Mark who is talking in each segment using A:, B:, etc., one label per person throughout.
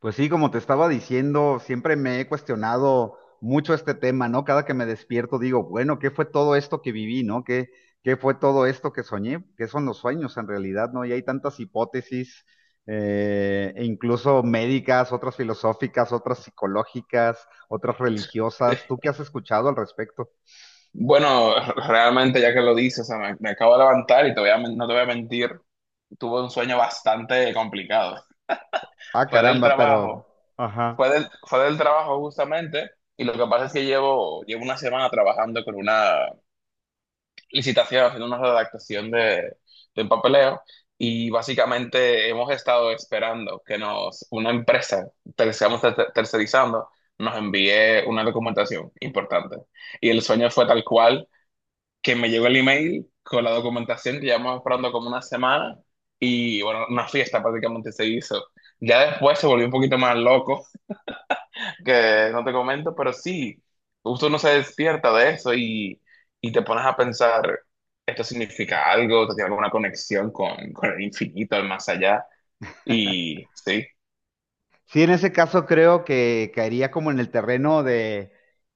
A: Pues sí, como te estaba diciendo, siempre me he cuestionado mucho este tema, ¿no? Cada que me despierto digo, bueno, ¿qué fue todo esto que viví, ¿no? ¿Qué fue todo esto que soñé? ¿Qué son los sueños en realidad, ¿no? Y hay tantas hipótesis, e incluso médicas, otras filosóficas, otras psicológicas, otras religiosas. ¿Tú qué
B: este,
A: has escuchado al respecto?
B: Bueno, realmente ya que lo dices, o sea, me acabo de levantar y te voy a men- no te voy a mentir, tuve un sueño bastante complicado.
A: Ah,
B: Fue del
A: caramba, pero...
B: trabajo,
A: Ajá.
B: fue del trabajo justamente, y lo que pasa es que llevo una semana trabajando con una licitación, haciendo una redactación de un papeleo, y básicamente hemos estado esperando que nos, una empresa, estamos tercerizando, nos envíe una documentación importante. Y el sueño fue tal cual que me llegó el email con la documentación que llevamos esperando como una semana y bueno, una fiesta prácticamente se hizo. Ya después se volvió un poquito más loco, que no te comento, pero sí, justo uno se despierta de eso y te pones a pensar, esto significa algo, esto tiene alguna conexión con el infinito, el más allá, y sí.
A: Sí, en ese caso creo que caería como en el terreno de,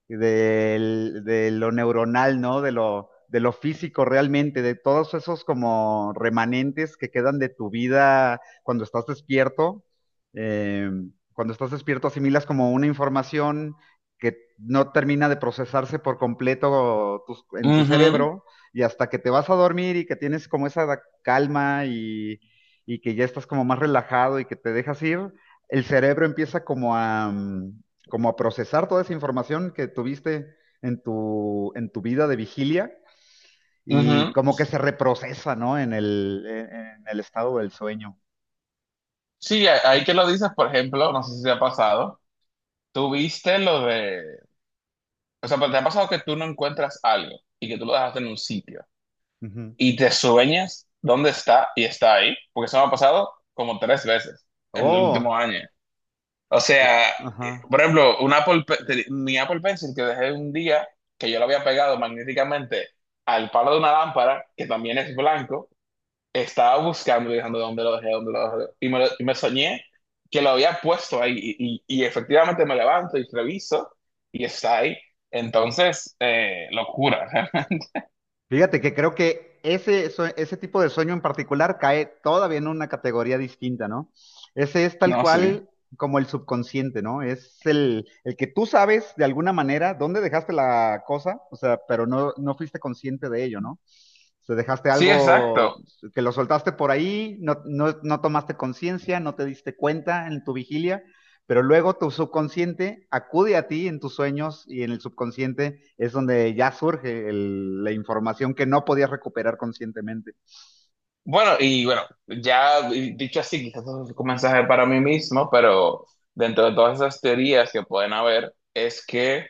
A: del- de lo neuronal, ¿no? De lo físico realmente, de todos esos como remanentes que quedan de tu vida cuando estás despierto. Eh, Cuando estás despierto asimilas como una información que no termina de procesarse por completo en tu
B: Ujú,
A: cerebro, y hasta que te vas a dormir y que tienes como esa calma, y que ya estás como más relajado y que te dejas ir, el cerebro empieza como como a procesar toda esa información que tuviste en tu vida de vigilia, y
B: ujú.
A: como que se reprocesa, ¿no? En el estado del sueño.
B: Sí, ahí que lo dices, por ejemplo, no sé si te ha pasado, tuviste lo de, o sea, pero te ha pasado que tú no encuentras algo y que tú lo dejaste en un sitio
A: Ujú.
B: y te sueñas dónde está y está ahí, porque eso me ha pasado como tres veces en el último
A: Oh,
B: año. O
A: u-
B: sea,
A: ajá.
B: por ejemplo, un Apple, Pe- te- mi Apple Pencil que dejé un día que yo lo había pegado magnéticamente al palo de una lámpara, que también es blanco, estaba buscando, y dejando dónde lo dejé, dónde lo dejé. Y y me soñé que lo había puesto ahí. Y efectivamente me levanto y reviso y está ahí. Entonces, locura.
A: Fíjate que creo que ese tipo de sueño en particular cae todavía en una categoría distinta, ¿no? Ese es tal
B: No, sí.
A: cual como el subconsciente, ¿no? Es el que tú sabes de alguna manera dónde dejaste la cosa, o sea, pero no fuiste consciente de ello, ¿no? O sea, dejaste
B: Sí,
A: algo
B: exacto.
A: que lo soltaste por ahí, no tomaste conciencia, no te diste cuenta en tu vigilia, pero luego tu subconsciente acude a ti en tus sueños, y en el subconsciente es donde ya surge la información que no podías recuperar conscientemente.
B: Bueno, y bueno, ya dicho así, quizás eso es un mensaje para mí mismo, pero dentro de todas esas teorías que pueden haber, es que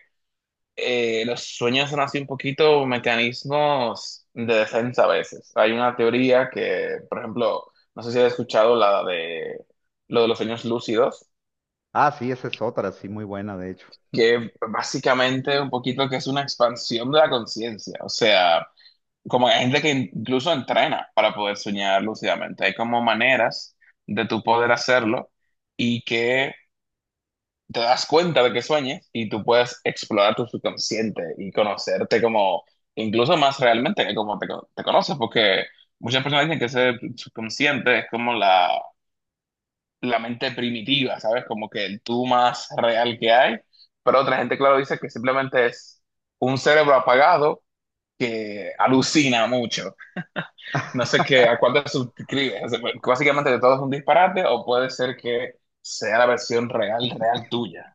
B: los sueños son así un poquito mecanismos de defensa a veces. Hay una teoría que, por ejemplo, no sé si has escuchado la de lo de los sueños lúcidos,
A: Ah, sí, esa es otra, sí, muy buena, de hecho.
B: que básicamente un poquito que es una expansión de la conciencia. O sea, como hay gente que incluso entrena para poder soñar lúcidamente. Hay como maneras de tu poder hacerlo y que te das cuenta de que sueñas y tú puedes explorar tu subconsciente y conocerte como, incluso más realmente que como te conoces, porque muchas personas dicen que ese subconsciente es como la mente primitiva, ¿sabes? Como que el tú más real que hay, pero otra gente, claro, dice que simplemente es un cerebro apagado que alucina mucho. No sé qué, a cuál te suscribes, o sea, básicamente de todo es un disparate o puede ser que sea la versión real, real tuya.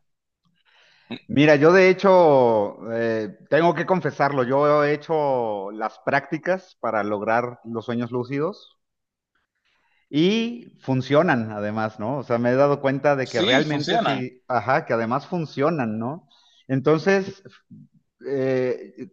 A: Mira, yo de hecho, tengo que confesarlo, yo he hecho las prácticas para lograr los sueños lúcidos y funcionan además, ¿no? O sea, me he dado cuenta de que
B: Sí,
A: realmente
B: funcionan.
A: sí, ajá, que además funcionan, ¿no? Entonces, eh,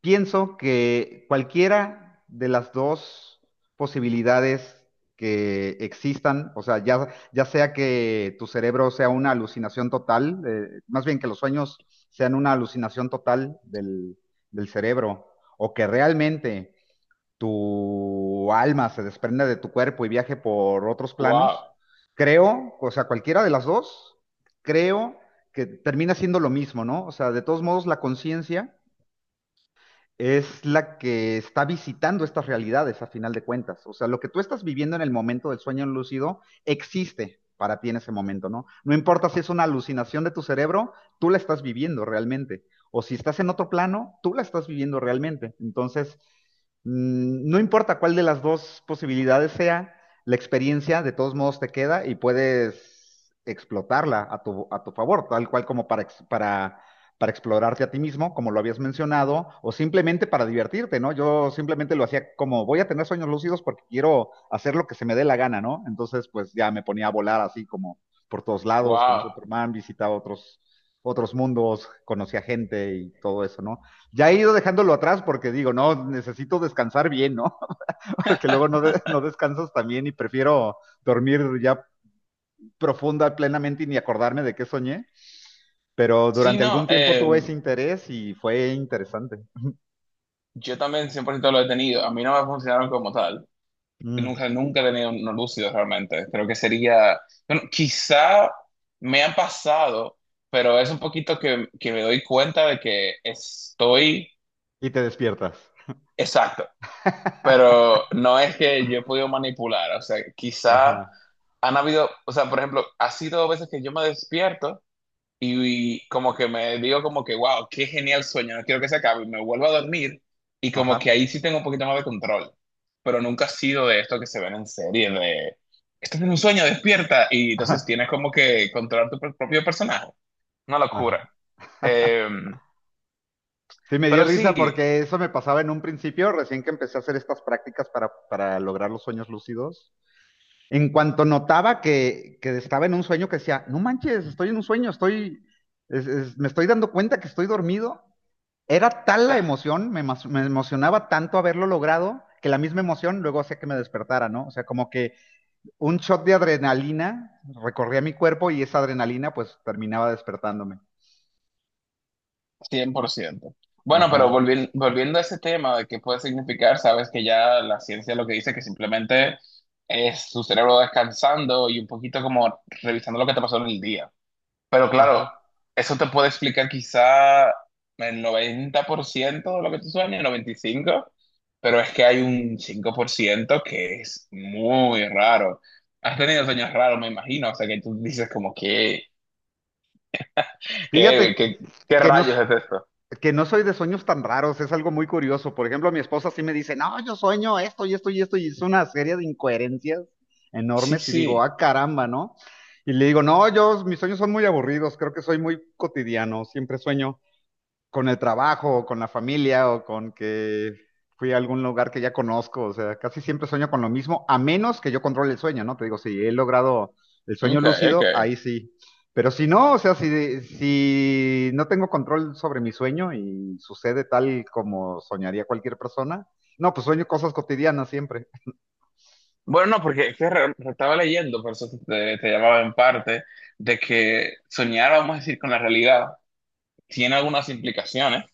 A: pienso que cualquiera de las dos posibilidades que existan, o sea, ya, ya sea que tu cerebro sea una alucinación total, más bien que los sueños sean una alucinación total del cerebro, o que realmente tu alma se desprenda de tu cuerpo y viaje por otros planos,
B: Wow,
A: creo, o sea, cualquiera de las dos, creo que termina siendo lo mismo, ¿no? O sea, de todos modos, la conciencia es la que está visitando estas realidades a final de cuentas. O sea, lo que tú estás viviendo en el momento del sueño lúcido existe para ti en ese momento, ¿no? No importa si es una alucinación de tu cerebro, tú la estás viviendo realmente. O si estás en otro plano, tú la estás viviendo realmente. Entonces, no importa cuál de las dos posibilidades sea, la experiencia de todos modos te queda y puedes explotarla a tu favor, tal cual como para, para explorarte a ti mismo, como lo habías mencionado, o simplemente para divertirte, ¿no? Yo simplemente lo hacía como, voy a tener sueños lúcidos porque quiero hacer lo que se me dé la gana, ¿no? Entonces, pues ya me ponía a volar así como por todos lados, como
B: wow.
A: Superman, visitaba otros mundos, conocía gente y todo eso, ¿no? Ya he ido dejándolo atrás porque digo, no, necesito descansar bien, ¿no? Porque luego no, no descansas también y prefiero dormir ya profunda, plenamente y ni acordarme de qué soñé, pero
B: Sí,
A: durante
B: no,
A: algún tiempo tuve ese interés y fue interesante.
B: yo también 100% lo he tenido. A mí no me funcionaron como tal.
A: Mm.
B: Nunca, nunca he tenido unos lúcidos realmente. Creo que sería, bueno, quizá me han pasado, pero es un poquito que me doy cuenta de que estoy.
A: Y te despiertas.
B: Exacto. Pero no es que yo he podido manipular. O sea, quizá
A: Ajá,
B: han habido, o sea, por ejemplo, ha sido veces que yo me despierto. Y como que me digo como que, wow, qué genial sueño, no quiero que se acabe. Y me vuelvo a dormir y como
A: ajá,
B: que ahí sí tengo un poquito más de control. Pero nunca ha sido de esto que se ven en serie, de, estás en un sueño, despierta. Y
A: ajá,
B: entonces tienes como que controlar tu propio personaje. Una
A: ajá.
B: locura. Eh,
A: Sí, me dio
B: pero
A: risa
B: sí,
A: porque eso me pasaba en un principio, recién que empecé a hacer estas prácticas para lograr los sueños lúcidos. En cuanto notaba que estaba en un sueño, que decía, no manches, estoy en un sueño, estoy, me estoy dando cuenta que estoy dormido. Era tal la emoción, me emocionaba tanto haberlo logrado, que la misma emoción luego hacía que me despertara, ¿no? O sea, como que un shot de adrenalina recorría mi cuerpo y esa adrenalina pues terminaba despertándome.
B: 100%. Bueno, pero
A: Ajá.
B: volviendo a ese tema de qué puede significar, sabes que ya la ciencia lo que dice que simplemente es tu cerebro descansando y un poquito como revisando lo que te pasó en el día. Pero claro,
A: Ajá.
B: eso te puede explicar quizá el 90% de lo que tú sueñas, el 95%, pero es que hay un 5% que es muy raro. Has tenido sueños raros, me imagino, o sea que tú dices como que, ¿qué,
A: Fíjate
B: qué, qué
A: que no,
B: rayos
A: s-
B: es esto?
A: que no soy de sueños tan raros, es algo muy curioso. Por ejemplo, mi esposa sí me dice, no, yo sueño esto y esto y esto, y es una serie de incoherencias
B: Sí,
A: enormes, y digo,
B: sí,
A: ah, caramba, ¿no? Y le digo, no, yo, mis sueños son muy aburridos, creo que soy muy cotidiano, siempre sueño con el trabajo o con la familia o con que fui a algún lugar que ya conozco. O sea, casi siempre sueño con lo mismo, a menos que yo controle el sueño, ¿no? Te digo, si he logrado el sueño
B: ok,
A: lúcido,
B: ok.
A: ahí sí. Pero si no, o sea, si no tengo control sobre mi sueño y sucede tal como soñaría cualquier persona, no, pues sueño cosas cotidianas siempre.
B: Bueno, no, porque es que estaba leyendo, por eso te llamaba en parte, de que soñar, vamos a decir, con la realidad tiene algunas implicaciones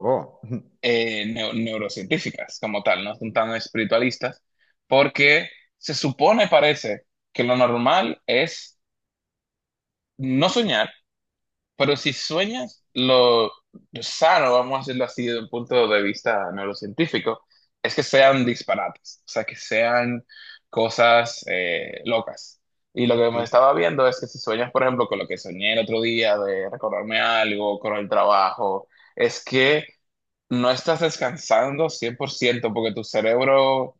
A: Oh,
B: neurocientíficas como tal, no son tan espiritualistas, porque se supone, parece, que lo normal es no soñar, pero si sueñas, lo sano, vamos a hacerlo así desde un punto de vista neurocientífico, es que sean disparates, o sea, que sean cosas locas. Y lo que me
A: sí,
B: estaba viendo es que si sueñas, por ejemplo, con lo que soñé el otro día de recordarme algo, con el trabajo, es que no estás descansando 100% porque tu cerebro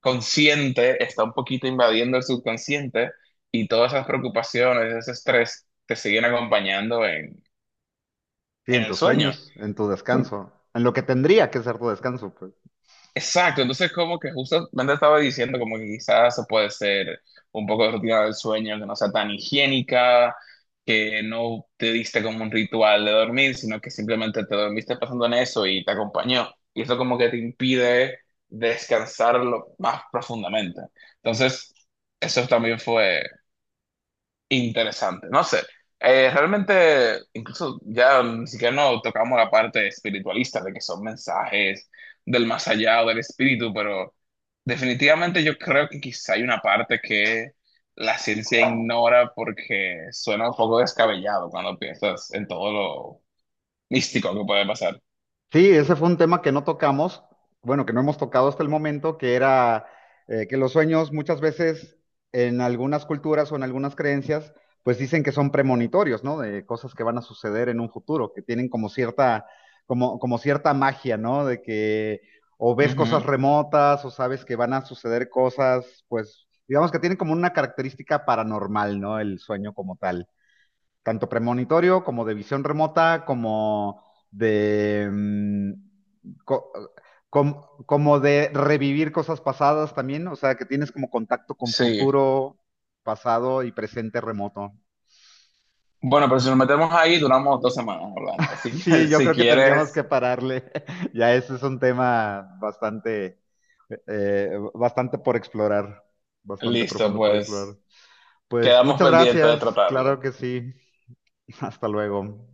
B: consciente está un poquito invadiendo el subconsciente y todas esas preocupaciones, ese estrés te siguen acompañando en,
A: sí,
B: en
A: en
B: el
A: tus
B: sueño.
A: sueños, en tu
B: So-
A: descanso, en lo que tendría que ser tu descanso, pues.
B: Exacto, entonces como que justamente estaba diciendo como que quizás eso puede ser un poco de rutina del sueño que no sea tan higiénica, que no te diste como un ritual de dormir, sino que simplemente te dormiste pensando en eso y te acompañó. Y eso como que te impide descansarlo más profundamente. Entonces, eso también fue interesante, no sé. Realmente, incluso ya ni siquiera no tocamos la parte espiritualista de que son mensajes del más allá o del espíritu, pero definitivamente yo creo que quizá hay una parte que la ciencia ignora porque suena un poco descabellado cuando piensas en todo lo místico que puede pasar.
A: Sí, ese fue un tema que no tocamos, bueno, que no hemos tocado hasta el momento, que era que los sueños muchas veces en algunas culturas o en algunas creencias, pues dicen que son premonitorios, ¿no? De cosas que van a suceder en un futuro, que tienen como cierta, como cierta magia, ¿no? De que o ves cosas
B: Ujú,
A: remotas o sabes que van a suceder cosas, pues digamos que tienen como una característica paranormal, ¿no? El sueño como tal tanto premonitorio como de visión remota, como de... co- como de revivir cosas pasadas también, o sea, que tienes como contacto con
B: sí.
A: futuro, pasado y presente remoto.
B: Bueno, pero si nos metemos ahí, duramos 2 semanas hablando. Así
A: Sí,
B: que
A: yo
B: si
A: creo que tendríamos que
B: quieres,
A: pararle. Ya ese es un tema bastante, bastante por explorar, bastante
B: listo,
A: profundo por
B: pues
A: explorar. Pues
B: quedamos
A: muchas
B: pendientes de
A: gracias, claro
B: tratarlo.
A: que sí. Hasta luego.